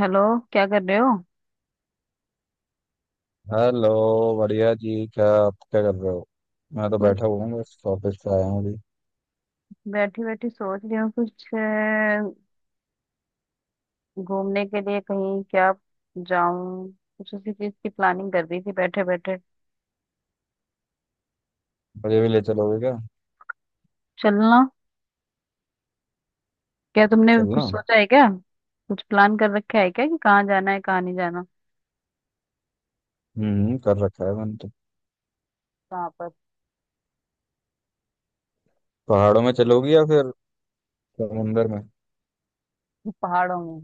Hello. क्या कर रहे हो? हेलो। बढ़िया जी, क्या आप क्या कर रहे हो? मैं तो कुछ बैठा हुआ हूँ, बस ऑफिस से आया हूँ अभी। बैठी बैठी सोच रही हूँ कुछ घूमने के लिए कहीं क्या जाऊं। कुछ उसी चीज की प्लानिंग कर रही थी बैठे बैठे। मुझे भी ले चलोगे क्या? चलना? क्या तुमने कुछ चलना। सोचा है क्या? कुछ प्लान कर रखा है क्या कि कहाँ जाना है, कहाँ नहीं जाना? कर रखा है मैंने तो। कहाँ पर? पहाड़ों में चलोगी या फिर समुंदर में? पहाड़ों में।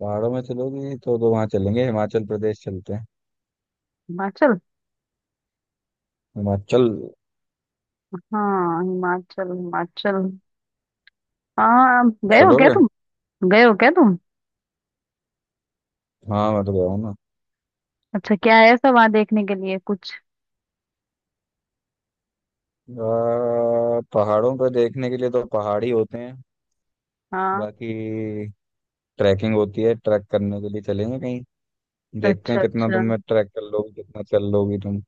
पहाड़ों में चलोगी तो वहाँ चलेंगे, हिमाचल प्रदेश चलते हैं। हिमाचल। हिमाचल। हाँ, हिमाचल हिमाचल। हाँ, चलोगे? गए हो क्या तुम? हाँ, मैं तो गया हूँ ना। अच्छा, क्या है ऐसा वहां देखने के लिए कुछ? पहाड़ों पर देखने के लिए तो पहाड़ ही होते हैं। हाँ। बाकी ट्रैकिंग होती है, ट्रैक करने के लिए चलेंगे कहीं। देखते अच्छा हैं कितना तुम अच्छा। में ट्रैक कर लोगी, कितना चल लोगी तुम।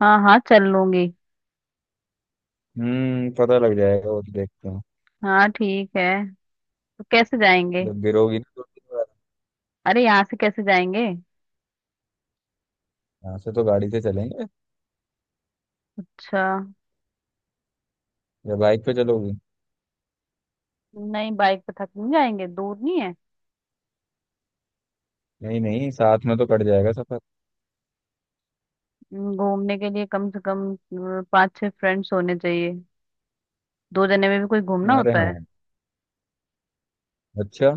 हाँ हाँ, चल लूंगी। पता लग जाएगा वो, तो देखते हैं। हाँ ठीक है। तो कैसे जाएंगे? जब गिरोगी ना तो। अरे यहाँ से कैसे जाएंगे? यहाँ से तो गाड़ी से चलेंगे। अच्छा। या बाइक पे चलोगी? नहीं, बाइक पे थक नहीं जाएंगे? दूर नहीं है? नहीं नहीं, साथ में तो कट जाएगा सफर। घूमने के लिए कम से कम 5 6 फ्रेंड्स होने चाहिए। 2 जने में भी कोई घूमना अरे होता हाँ। है? अच्छा।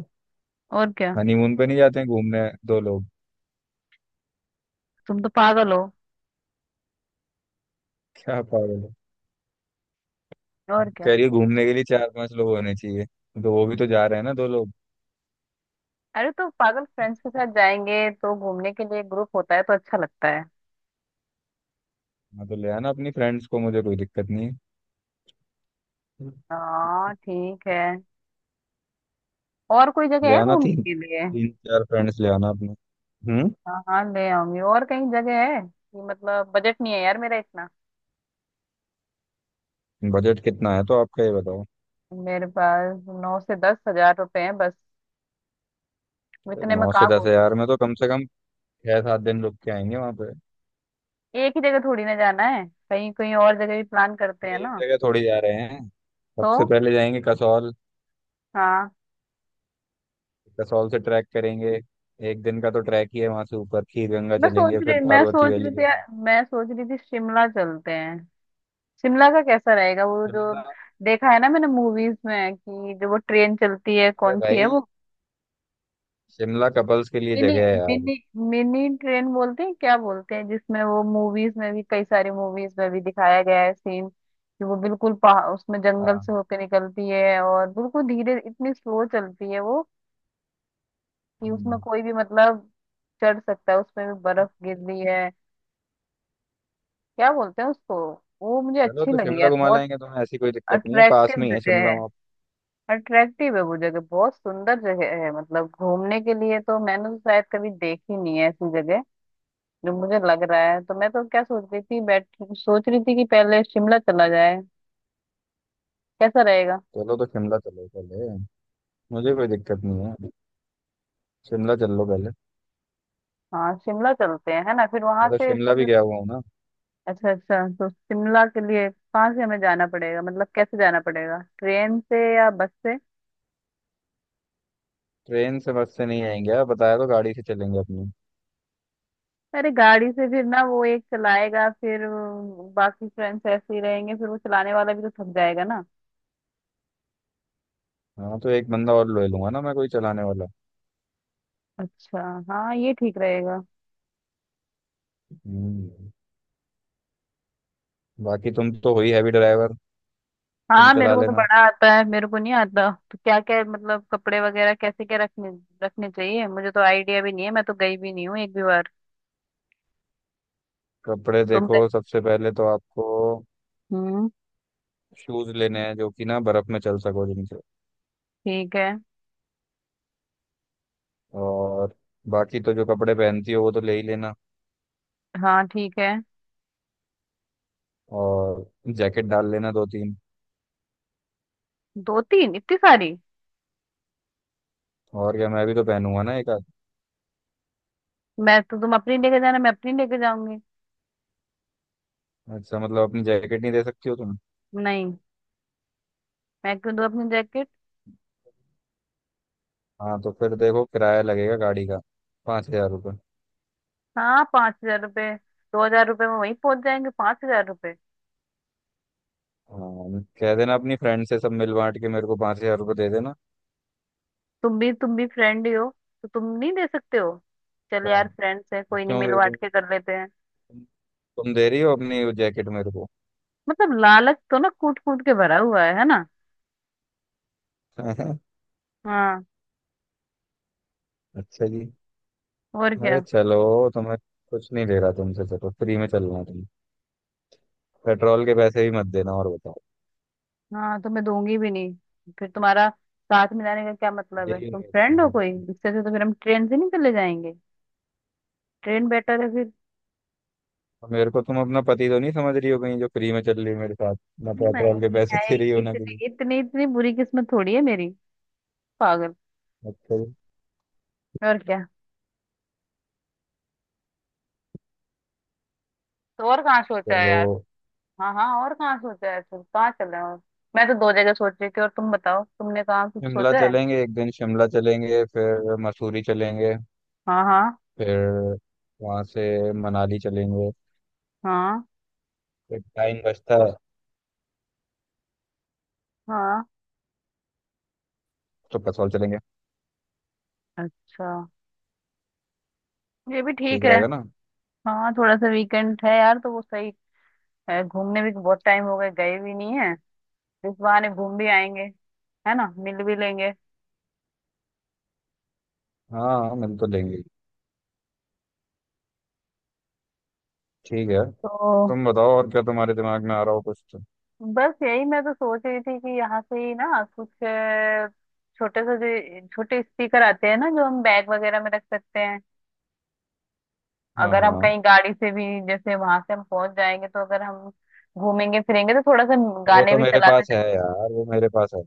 और क्या। हनीमून पे नहीं जाते हैं घूमने दो लोग? तुम तो पागल हो। क्या पागल है? और क्या। कह रही है घूमने के लिए चार पांच लोग होने चाहिए, तो वो भी तो जा रहे हैं ना दो लोग। अरे तो पागल, फ्रेंड्स के साथ जाएंगे तो घूमने के लिए ग्रुप होता है तो अच्छा लगता है। हाँ, तो ले आना अपनी फ्रेंड्स को, मुझे कोई दिक्कत नहीं है। हाँ ठीक है। और कोई जगह ले है आना, घूमने तीन के लिए? तीन चार फ्रेंड्स ले आना अपने। हम्म। हाँ हाँ ले आऊंगी। और कहीं जगह है कि, मतलब बजट नहीं है यार मेरा इतना। बजट कितना है तो आपका, ये बताओ। मेरे पास 9 से 10 हज़ार रुपए हैं बस। अरे, इतने में नौ से कहाँ दस घूम। हजार में तो कम से कम 6 7 दिन रुक के आएंगे वहां पे। एक ही जगह थोड़ी ना जाना है, कहीं कहीं और जगह भी प्लान करते हैं एक ना। जगह थोड़ी जा रहे हैं। तो सबसे पहले जाएंगे कसौल। हाँ। कसौल से ट्रैक करेंगे। एक दिन का तो ट्रैक ही है, वहां से ऊपर खीर गंगा चलेंगे, फिर पार्वती वैली देखेंगे। मैं सोच रही थी शिमला चलते हैं। शिमला का कैसा रहेगा? वो जो शिमला? देखा है ना मैंने मूवीज में, कि जो वो ट्रेन चलती है, अरे कौन सी है भाई, वो? शिमला कपल्स के लिए मिनी। जगह है यार। मिनी। मिनी ट्रेन बोलते हैं, क्या बोलते हैं जिसमें, वो मूवीज में भी, कई सारी मूवीज में भी दिखाया गया है सीन कि वो बिल्कुल पहाड़, उसमें जंगल से हाँ। होकर निकलती है और बिल्कुल धीरे, इतनी स्लो चलती है वो कि उसमें हम्म। कोई भी मतलब चढ़ सकता है, उसमें भी बर्फ गिर रही है। क्या बोलते हैं उसको? वो मुझे चलो अच्छी तो लगी शिमला यार घुमा बहुत। लाएंगे तुम्हें, ऐसी कोई दिक्कत नहीं है, पास अट्रैक्टिव में ही है जगह शिमला है। वहाँ। अट्रैक्टिव है वो जगह, बहुत सुंदर जगह है मतलब, घूमने के लिए तो मैंने तो शायद कभी देखी नहीं है ऐसी जगह जो मुझे लग रहा है। तो मैं तो क्या सोच रही थी, बैठ सोच रही थी कि पहले शिमला चला जाए, कैसा रहेगा? चलो तो शिमला चलो पहले, मुझे कोई दिक्कत नहीं है। शिमला चल लो पहले। हाँ, शिमला चलते हैं है ना, फिर वहां मैं तो से शिमला भी फिर। गया हुआ हूँ ना। अच्छा अच्छा, तो शिमला के लिए कहाँ से हमें जाना पड़ेगा, मतलब कैसे जाना पड़ेगा, ट्रेन से या बस से? ट्रेन से बस से नहीं आएंगे यार, बताया तो गाड़ी से चलेंगे अपनी। अरे गाड़ी से फिर ना, वो एक चलाएगा फिर बाकी फ्रेंड्स ऐसे ही रहेंगे, फिर वो चलाने वाला भी तो थक जाएगा ना। हाँ, तो एक बंदा और ले लूंगा ना मैं, कोई चलाने वाला। अच्छा। हाँ ये ठीक रहेगा। हम्म। बाकी तुम तो हो ही हैवी ड्राइवर। तुम हाँ मेरे चला को तो लेना। बड़ा आता है। मेरे को नहीं आता तो क्या क्या, मतलब कपड़े वगैरह कैसे क्या रखने, रखने चाहिए, मुझे तो आइडिया भी नहीं है, मैं तो गई भी नहीं हूँ एक भी बार। कपड़े तुम गए? देखो, सबसे पहले तो आपको हम्म। शूज लेने हैं, जो कि ना बर्फ में चल सको जिनसे। ठीक है। और बाकी तो जो कपड़े पहनती हो वो तो ले ही लेना। हाँ ठीक है। और जैकेट डाल लेना दो तीन। 2 3 इतनी सारी? और क्या, मैं भी तो पहनूंगा ना एक आध। मैं तो, तुम अपनी लेके जाना, मैं अपनी लेके जाऊंगी। अच्छा, मतलब अपनी जैकेट नहीं दे सकती हो तुम? नहीं। मैं क्यों दूं अपनी जैकेट? हाँ, तो फिर देखो किराया लगेगा गाड़ी का, 5,000 रुपये। हाँ 5 हज़ार रुपये। 2 हज़ार रुपये में वहीं पहुंच जाएंगे, 5 हज़ार रुपये? हाँ, कह देना अपनी फ्रेंड से, सब मिल बांट के मेरे को 5,000 रुपये दे देना। तुम भी फ्रेंड ही हो, तो तुम नहीं दे सकते हो? चल यार, पहन- फ्रेंड्स है कोई नहीं, क्यों मिल दे बांट दूँ? के कर लेते हैं। तुम तुम दे रही हो अपनी वो जैकेट मेरे को? मतलब लालच तो ना कूट कूट के भरा हुआ है ना। हाँ। अच्छा जी। और अरे क्या। चलो तो मैं कुछ नहीं ले रहा तुमसे, चलो फ्री में चलना तुम, पेट्रोल के पैसे भी मत देना और बताओ। हाँ तो मैं दूंगी भी नहीं। फिर तुम्हारा साथ में जाने का क्या मतलब है, यही तुम उम्मीद फ्रेंड थी हो मेरे कोई? को। इससे अच्छा तो फिर हम ट्रेन से नहीं चले जाएंगे? ट्रेन बेटर है फिर। और मेरे को तुम अपना पति तो नहीं समझ रही हो कहीं, जो फ्री में चल रही है मेरे साथ, ना पेट्रोल के नहीं पैसे है। दे रही हो ना कहीं। इतनी इतनी इतनी बुरी किस्मत थोड़ी है मेरी, पागल। अच्छा जी। और क्या। तो और कहाँ सोचा है चलो, यार? हाँ हाँ, और कहाँ सोचा है, फिर कहाँ चल रहे हो? मैं तो दो जगह सोच रही थी, और तुम बताओ तुमने कहाँ कुछ शिमला सोचा है? चलेंगे, एक दिन शिमला चलेंगे फिर मसूरी चलेंगे। हाँ। हाँ। फिर वहाँ से मनाली चलेंगे। हाँ। फिर टाइम बचता है हाँ। तो कसौल चलेंगे। अच्छा। ये भी ठीक ठीक है। रहेगा ना? हाँ, थोड़ा सा वीकेंड है यार तो वो सही है। घूमने भी बहुत टाइम हो गए, गए भी नहीं है, इस बहाने घूम भी आएंगे, है ना, मिल भी लेंगे। हाँ, मिल तो लेंगे। ठीक है। तो तुम बताओ और क्या तुम्हारे दिमाग में आ रहा हो कुछ। बस यही मैं तो सोच रही थी कि यहाँ से ही ना कुछ छोटे से, जो छोटे स्पीकर आते हैं ना, जो हम बैग वगैरह में रख सकते हैं, हाँ अगर हम हाँ, कहीं गाड़ी से भी, जैसे वहां से हम पहुंच जाएंगे, तो अगर हम घूमेंगे फिरेंगे तो थोड़ा सा वो गाने तो भी मेरे चलाते। पास है यार, वो मेरे पास है।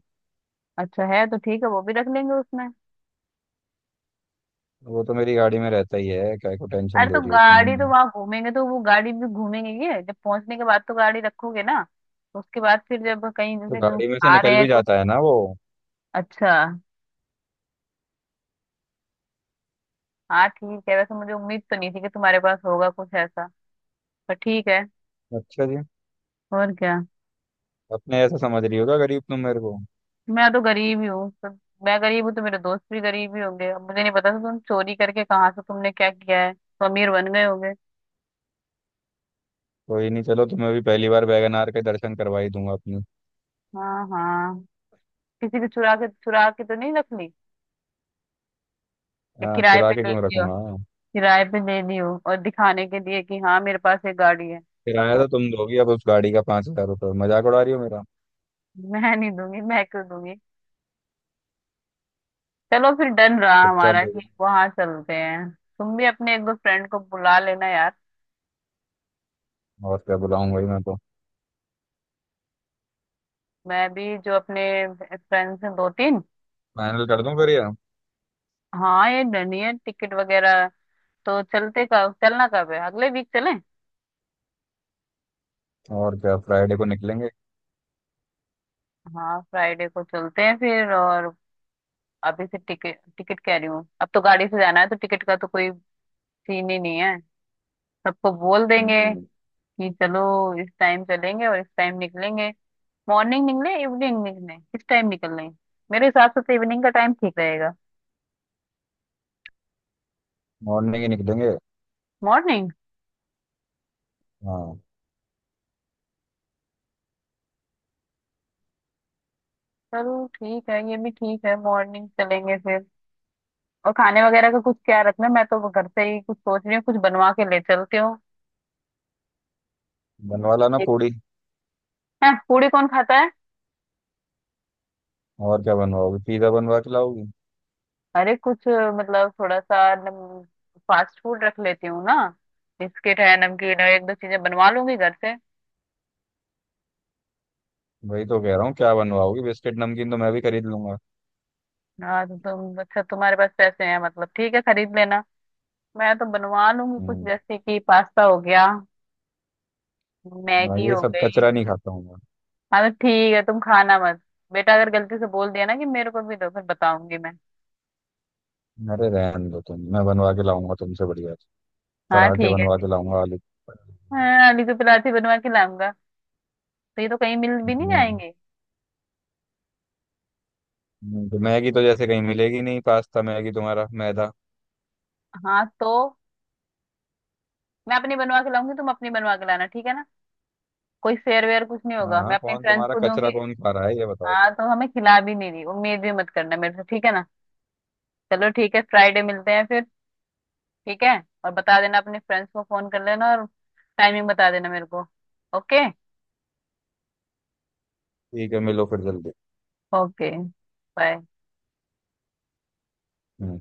अच्छा है, तो ठीक है वो भी रख लेंगे उसमें। वो तो मेरी गाड़ी में रहता ही है, क्या को टेंशन अरे तो दे रही हो गाड़ी तो तुम? वहां घूमेंगे तो वो गाड़ी भी घूमेंगे, ये जब पहुंचने के बाद तो गाड़ी रखोगे ना, तो उसके बाद फिर जब कहीं तो जैसे हम गाड़ी में से आ रहे निकल हैं भी कुछ। जाता है ना वो। अच्छा। हाँ ठीक है, वैसे मुझे उम्मीद तो नहीं थी कि तुम्हारे पास होगा कुछ ऐसा, पर ठीक है। अच्छा जी। और क्या। अपने ऐसा समझ रही होगा गरीब तुम मेरे को। मैं तो गरीब ही हूँ तो, मैं गरीब हूँ तो मेरे दोस्त भी गरीब ही होंगे। अब मुझे नहीं पता था तुम चोरी करके कहाँ से तुमने क्या किया है तो अमीर बन गए होंगे। कोई नहीं, चलो तुम्हें भी पहली बार वैगनार के दर्शन करवा ही दूंगा अपने। हाँ हाँ। किसी को चुरा के तो नहीं रख ली? या हाँ, किराए चुरा पे के ले क्यों लियो, रखूंगा? किराए पे ले लियो और दिखाने के लिए कि हाँ मेरे पास एक गाड़ी है। किराया तो तुम दोगी अब उस गाड़ी का, 5,000 रुपये, मजाक उड़ा रही हो मेरा? मैं नहीं दूंगी, मैं क्यों दूंगी? चलो फिर डन रहा चुपचाप हमारा, दे दो। कि वहां चलते हैं। तुम भी अपने एक दो फ्रेंड को बुला लेना यार। और क्या, बुलाऊंगा ही मैं तो। मैं भी जो अपने फ्रेंड्स हैं 2 3। फाइनल कर दूं फिर ये? हाँ ये डन ही है, टिकट वगैरह तो। चलते, कब चलना कब है, अगले वीक चलें? और क्या, फ्राइडे को निकलेंगे। हाँ, फ्राइडे को चलते हैं फिर, और अभी से टिकट टिकट कह रही हूँ, अब तो गाड़ी से जाना है तो टिकट का तो कोई सीन ही नहीं है। सबको बोल देंगे हम्म, कि चलो, इस टाइम चलेंगे और इस टाइम निकलेंगे। मॉर्निंग निकले, इवनिंग निकले, किस टाइम निकलना है? मेरे हिसाब से तो इवनिंग का टाइम ठीक रहेगा। मॉर्निंग ही निकलेंगे। मॉर्निंग? हाँ। चलो ठीक है, ये भी ठीक है, मॉर्निंग चलेंगे फिर। और खाने वगैरह का कुछ क्या रखना है? मैं तो घर से ही कुछ सोच रही हूँ, कुछ बनवा के ले चलती हूँ। बनवा लाना पूड़ी। हैं, पूड़ी कौन खाता? और क्या बनवाओगी, पिज्जा बनवा के लाओगी? अरे कुछ, मतलब थोड़ा सा फास्ट फूड रख लेती हूँ ना, बिस्किट है नमकीन है, एक दो चीजें बनवा लूंगी घर से। वही तो कह रहा हूँ, क्या बनवाओगी, बिस्किट नमकीन तो मैं भी खरीद लूंगा। हाँ तो तुम, अच्छा तुम्हारे पास पैसे हैं मतलब, ठीक है खरीद लेना। मैं तो बनवा लूंगी कुछ, हम्म। जैसे कि पास्ता हो गया, मैं मैगी ये हो सब गई। कचरा नहीं खाता हूँ। हाँ तो ठीक है, तुम खाना मत। बेटा अगर गलती से बोल दिया ना कि मेरे को भी दो, फिर बताऊंगी मैं। मैं अरे रहने दो तुम, मैं बनवा के लाऊंगा तुमसे बढ़िया से। हाँ पराठे ठीक है, बनवा ठीक। के लाऊंगा आलू। हाँ, आलू की पराठे बनवा के लाऊंगा, तो ये तो कहीं मिल भी नहीं हम्म। जाएंगे। तो मैगी तो जैसे कहीं मिलेगी नहीं, पास्ता मैगी तुम्हारा मैदा। हाँ तो मैं अपनी बनवा के लाऊंगी, तुम अपनी बनवा के लाना, ठीक है ना? कोई फेयर वेयर कुछ नहीं होगा, मैं हाँ, अपनी कौन फ्रेंड्स तुम्हारा को कचरा, दूंगी। कौन खा रहा है ये बताओ। हाँ तो हमें खिला भी नहीं रही, उम्मीद भी मत करना मेरे से, ठीक है ना? चलो ठीक है, फ्राइडे मिलते हैं फिर। ठीक है। और बता देना अपने फ्रेंड्स को, फोन कर लेना, और टाइमिंग बता देना मेरे को। ओके। ठीक है, मिलो फिर जल्दी। ओके। बाय। हम्म।